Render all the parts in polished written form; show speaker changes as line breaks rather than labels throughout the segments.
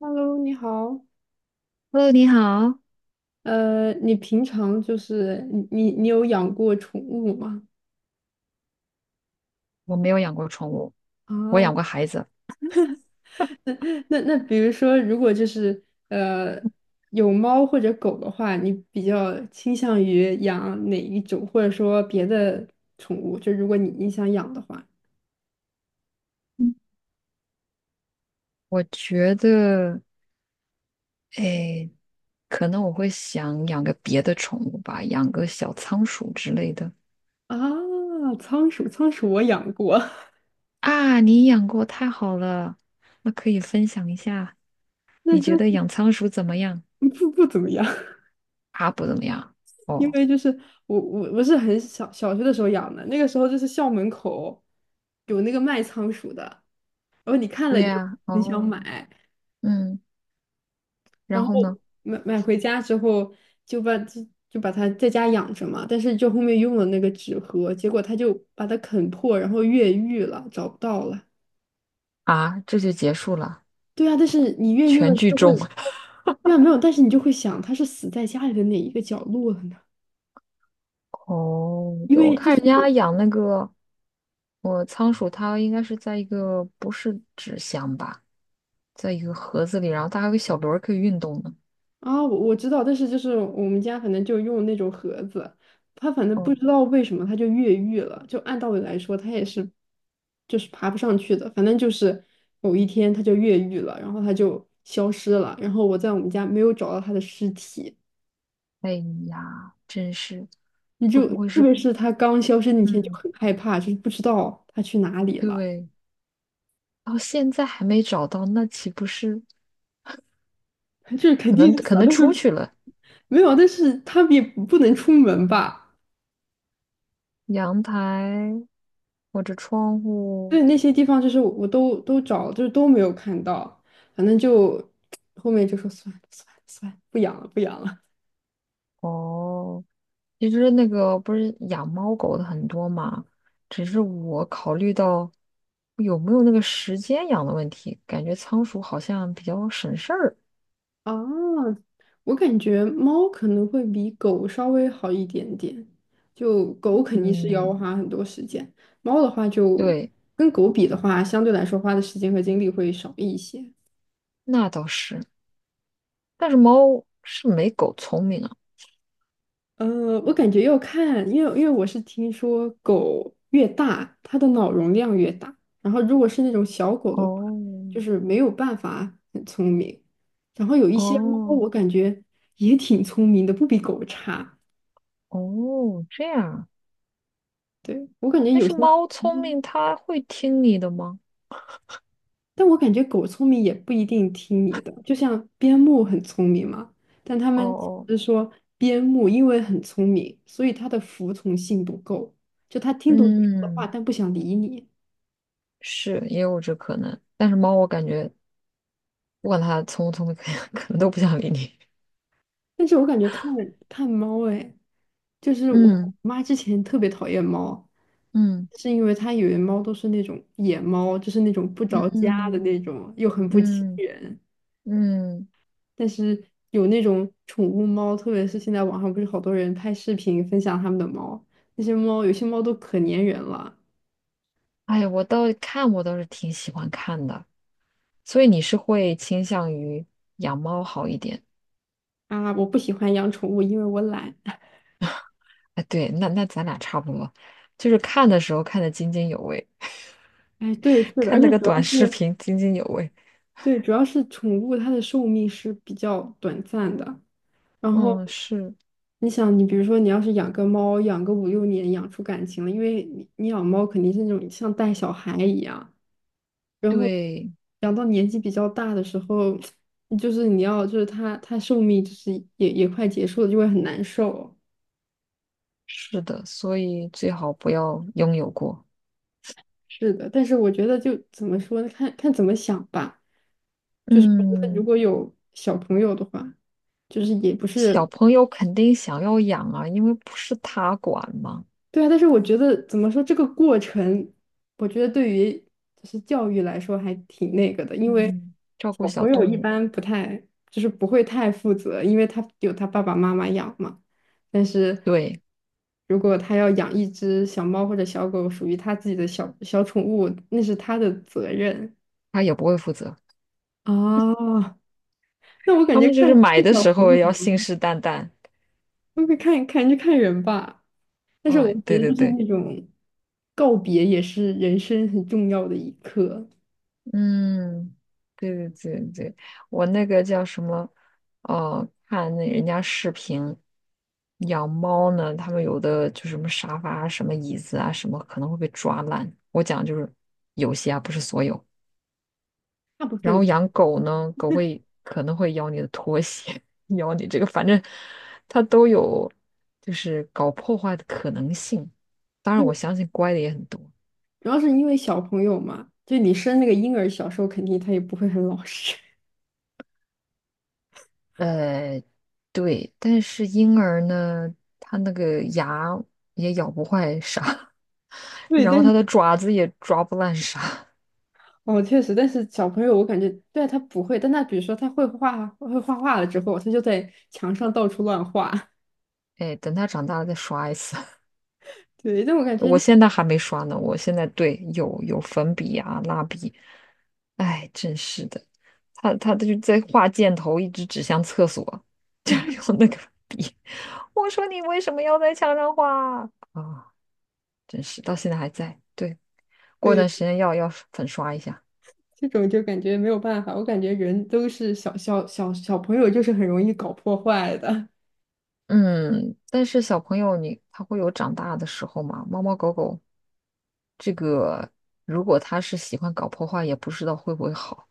Hello，你好。
Hello，你好，
你平常就是你有养过宠物吗？
我没有养过宠物，我
啊，
养过孩子。
那比如说，如果就是有猫或者狗的话，你比较倾向于养哪一种，或者说别的宠物？就如果你想养的话，
嗯我觉得，哎，可能我会想养个别的宠物吧，养个小仓鼠之类的。
啊，仓鼠我养过，
啊，你养过，太好了，那可以分享一下，
那
你觉得
那
养仓鼠怎么样？
不怎么样，
啊，不怎么样。
因
哦，
为就是我是很小小学的时候养的，那个时候就是校门口有那个卖仓鼠的。然后你看了
对
你就
呀，
很想
哦，
买，
嗯，然
然
后
后
呢？
买回家之后就把它在家养着嘛，但是就后面用了那个纸盒，结果它就把它啃破，然后越狱了，找不到了。
啊，这就结束了，
对啊，但是你越狱了
全
你
剧
就会，
终。
对啊，没有，但是你就会想它是死在家里的哪一个角落了呢？
哦，
因
对，我
为就
看
是。
人家养那个，我仓鼠，它应该是在一个不是纸箱吧，在一个盒子里，然后它还有个小轮儿可以运动呢。
啊，我知道，但是就是我们家反正就用那种盒子，它反正不
哦，
知道为什么它就越狱了。就按道理来说，它也是就是爬不上去的，反正就是某一天它就越狱了，然后它就消失了，然后我在我们家没有找到它的尸体。
哎呀，真是，
你
会
就
不会
特
是？
别是它刚消失那天就
嗯，
很害怕，就是不知道它去哪里了，
对，到现在还没找到，那岂不是
就是肯
可
定
能
是
可
死了，
能
但
出
是
去了？
没有，但是它也不能出门吧。
阳台或者窗户？
对，那些地方就是我都找，就是都没有看到，反正就后面就说算了算了算了，不养了不养了
哦，其实那个不是养猫狗的很多嘛，只是我考虑到有没有那个时间养的问题，感觉仓鼠好像比较省事儿。
啊。我感觉猫可能会比狗稍微好一点点，就狗肯定是要
嗯，
花很多时间，猫的话就
对，
跟狗比的话，相对来说花的时间和精力会少一些。
那倒是。但是猫是没狗聪明啊。
呃，我感觉要看，因为我是听说狗越大，它的脑容量越大，然后如果是那种小狗的话，就
哦
是没有办法很聪明，然后有一些猫，
哦
我感觉也挺聪明的，不比狗差。
哦，这样啊。
对，我感觉
但
有
是
些，
猫聪
嗯，
明，它会听你的吗？
但我感觉狗聪明也不一定听你的，就像边牧很聪明嘛，但他
哦
们
哦，
是说边牧因为很聪明，所以它的服从性不够，就它听懂你说的话，
嗯，
但不想理你。
是也有这可能。但是猫，我感觉不管它聪不聪明，可能都不想理你。
但是我感觉看猫，哎，就是我
嗯。
妈之前特别讨厌猫，
嗯
是因为她以为猫都是那种野猫，就是那种不着家的
嗯
那种，又很不亲
嗯
人。
嗯，
但是有那种宠物猫，特别是现在网上不是好多人拍视频分享他们的猫，那些猫有些猫都可粘人了
哎呀，我倒是挺喜欢看的，所以你是会倾向于养猫好一点？
啊！我不喜欢养宠物，因为我懒。
哎，对，那咱俩差不多，就是看的时候看得津津有味，
哎，对，是 的，而
看那
且
个
主要
短视
是
频津津有味。
对，主要是宠物它的寿命是比较短暂的。然
嗯，
后
是，
你想，你比如说，你要是养个猫，养个5、6年，养出感情了，因为你养猫肯定是那种像带小孩一样，然后
对，
养到年纪比较大的时候，就是你要就是它寿命就是也快结束了，就会很难受。
是的，所以最好不要拥有过。
是的，但是我觉得就怎么说呢，看看怎么想吧。就是我觉得如
嗯，
果有小朋友的话，就是也不
小
是
朋友肯定想要养啊，因为不是他管嘛。
对啊，但是我觉得怎么说这个过程，我觉得对于就是教育来说还挺那个的，因为
嗯，照顾
小
小
朋友
动
一
物，
般不太就是不会太负责，因为他有他爸爸妈妈养嘛。但是
对，
如果他要养一只小猫或者小狗，属于他自己的小小宠物，那是他的责任
他也不会负责。
啊。那我感
他
觉
们就是
看
买的
小
时
朋
候
友
要
嘛，
信誓旦旦。
会不会看就看人吧。但是我
嗯，
觉
对
得
对
就是
对，
那种告别也是人生很重要的一刻，
嗯，对对对对，我那个叫什么？哦、看那人家视频养猫呢，他们有的就什么沙发啊、什么椅子啊、什么可能会被抓烂。我讲就是有些啊，不是所有。
大部
然
分
后养狗呢，狗会可能会咬你的拖鞋，咬你这个，反正它都有就是搞破坏的可能性。当然，我
对，
相信乖的也很多。
主要是因为小朋友嘛，就你生那个婴儿，小时候肯定他也不会很老实，
呃，对，但是婴儿呢，他那个牙也咬不坏啥，
对，
然后
但是
他的爪子也抓不烂啥。
哦，确实，但是小朋友我感觉对啊，他不会，但他比如说他会画画了之后，他就在墙上到处乱画，
哎，等他长大了再刷一次。
对，但我 感觉
我
那
现在还没刷呢，我现在对有粉笔呀、蜡笔，哎，真是的，他就在画箭头，一直指向厕所，就用那个笔。我说你为什么要在墙上画啊？啊真是到现在还在。对，过段时
对
间要粉刷一下。
这种就感觉没有办法，我感觉人都是小小朋友就是很容易搞破坏的，
嗯，但是小朋友你他会有长大的时候嘛？猫猫狗狗这个，如果他是喜欢搞破坏，也不知道会不会好。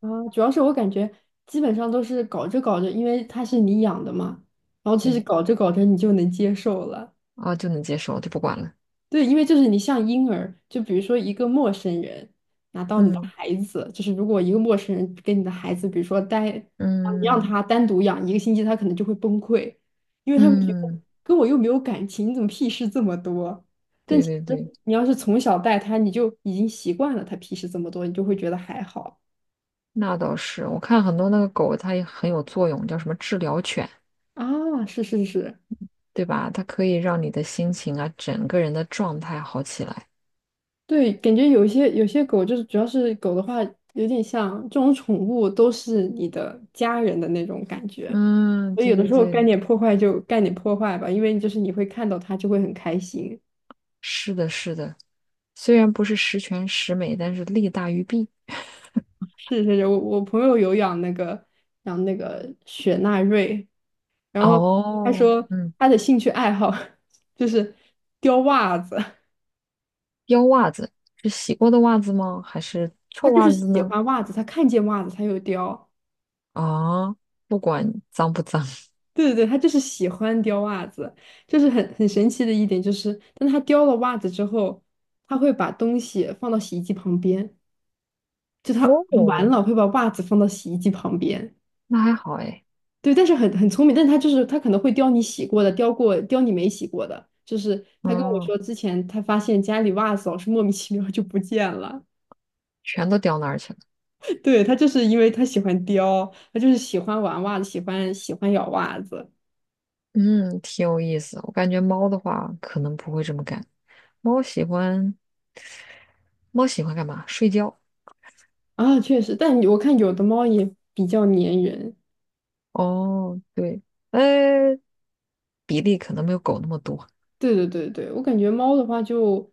啊，主要是我感觉基本上都是搞着搞着，因为它是你养的嘛，然后其实
对
搞着搞着你就能接受了。
啊，就能接受，就不管了。
对，因为就是你像婴儿，就比如说一个陌生人拿到你的
嗯
孩子，就是如果一个陌生人跟你的孩子，比如说待，你让
嗯
他单独养1个星期，他可能就会崩溃，因为他会觉得
嗯，
跟我又没有感情，你怎么屁事这么多？但
对
其
对
实
对，
你要是从小带他，你就已经习惯了他屁事这么多，你就会觉得还好。
那倒是。我看很多那个狗，它也很有作用，叫什么治疗犬，
啊，是是是，
对吧？它可以让你的心情啊，整个人的状态好起来。
对，感觉有些狗就是，主要是狗的话，有点像这种宠物都是你的家人的那种感觉，
嗯，
所以
对
有的
对
时候干
对，
点破坏就干点破坏吧，因为就是你会看到它就会很开心。
是的，是的。虽然不是十全十美，但是利大于弊。
是是是，我朋友有养那个雪纳瑞，然后他
哦，
说
嗯，
他的兴趣爱好 就是叼袜子，
丢袜子是洗过的袜子吗？还是
他
臭
就是
袜子
喜
呢？
欢袜子，他看见袜子他就叼。
啊，不管脏不脏。
对对对，他就是喜欢叼袜子，就是很神奇的一点就是，当他叼了袜子之后，他会把东西放到洗衣机旁边，就他完
哦，
了会把袜子放到洗衣机旁边。
那还好哎。
对，但是很聪明，但是他就是他可能会叼你洗过的，叼你没洗过的。就是他跟我
嗯，
说之前他发现家里袜子老是莫名其妙就不见了，
全都掉那儿去了。
对，他就是因为他喜欢叼，他就是喜欢玩袜子，喜欢咬袜子
嗯，挺有意思。我感觉猫的话可能不会这么干。猫喜欢猫喜欢干嘛？睡觉。
啊，确实，但我看有的猫也比较粘人。
哦，对，呃，比例可能没有狗那么多，
对对对对，我感觉猫的话就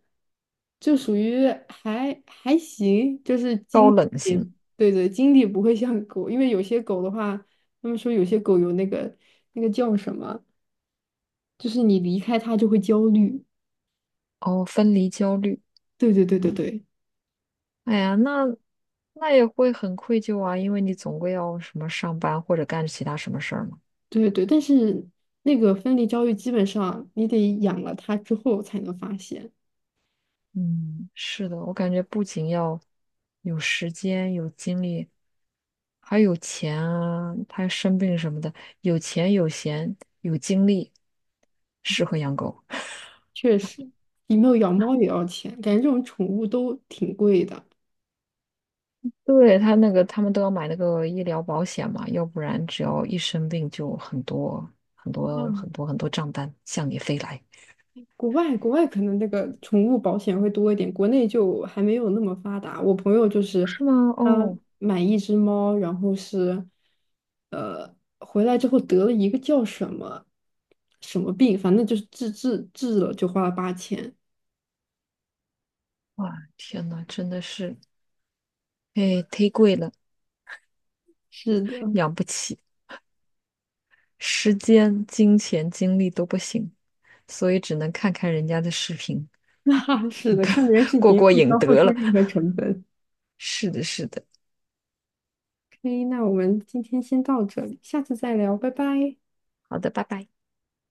就属于还行，就是
高
精
冷型。
力，对对，精力不会像狗，因为有些狗的话，他们说有些狗有那个那个叫什么，就是你离开它就会焦虑。
哦，分离焦虑。
对对对对对
哎呀，那也会很愧疚啊，因为你总归要什么上班或者干其他什么事儿嘛。
对对，但是那个分离焦虑基本上你得养了它之后才能发现，
嗯，是的，我感觉不仅要有时间、有精力，还有钱啊，他生病什么的，有钱、有闲、有精力，适合养狗。
确实，你没有养猫也要钱，感觉这种宠物都挺贵的。
对，他那个，他们都要买那个医疗保险嘛，要不然只要一生病就
啊
很多账单向你飞来，
国外可能那个宠物保险会多一点，国内就还没有那么发达。我朋友就是
是吗？
他
哦，
买一只猫，然后是回来之后得了一个叫什么什么病，反正就是治了就花了8000。
哇，天呐，真的是。哎，忒贵了，
是的，
养不起，时间、金钱、精力都不行，所以只能看看人家的视频，
那是的，看别人 视
过
频
过
不需
瘾
要付
得
出
了。
任何成本。
是的，是的，
OK，那我们今天先到这里，下次再聊，拜拜。
好的，拜拜。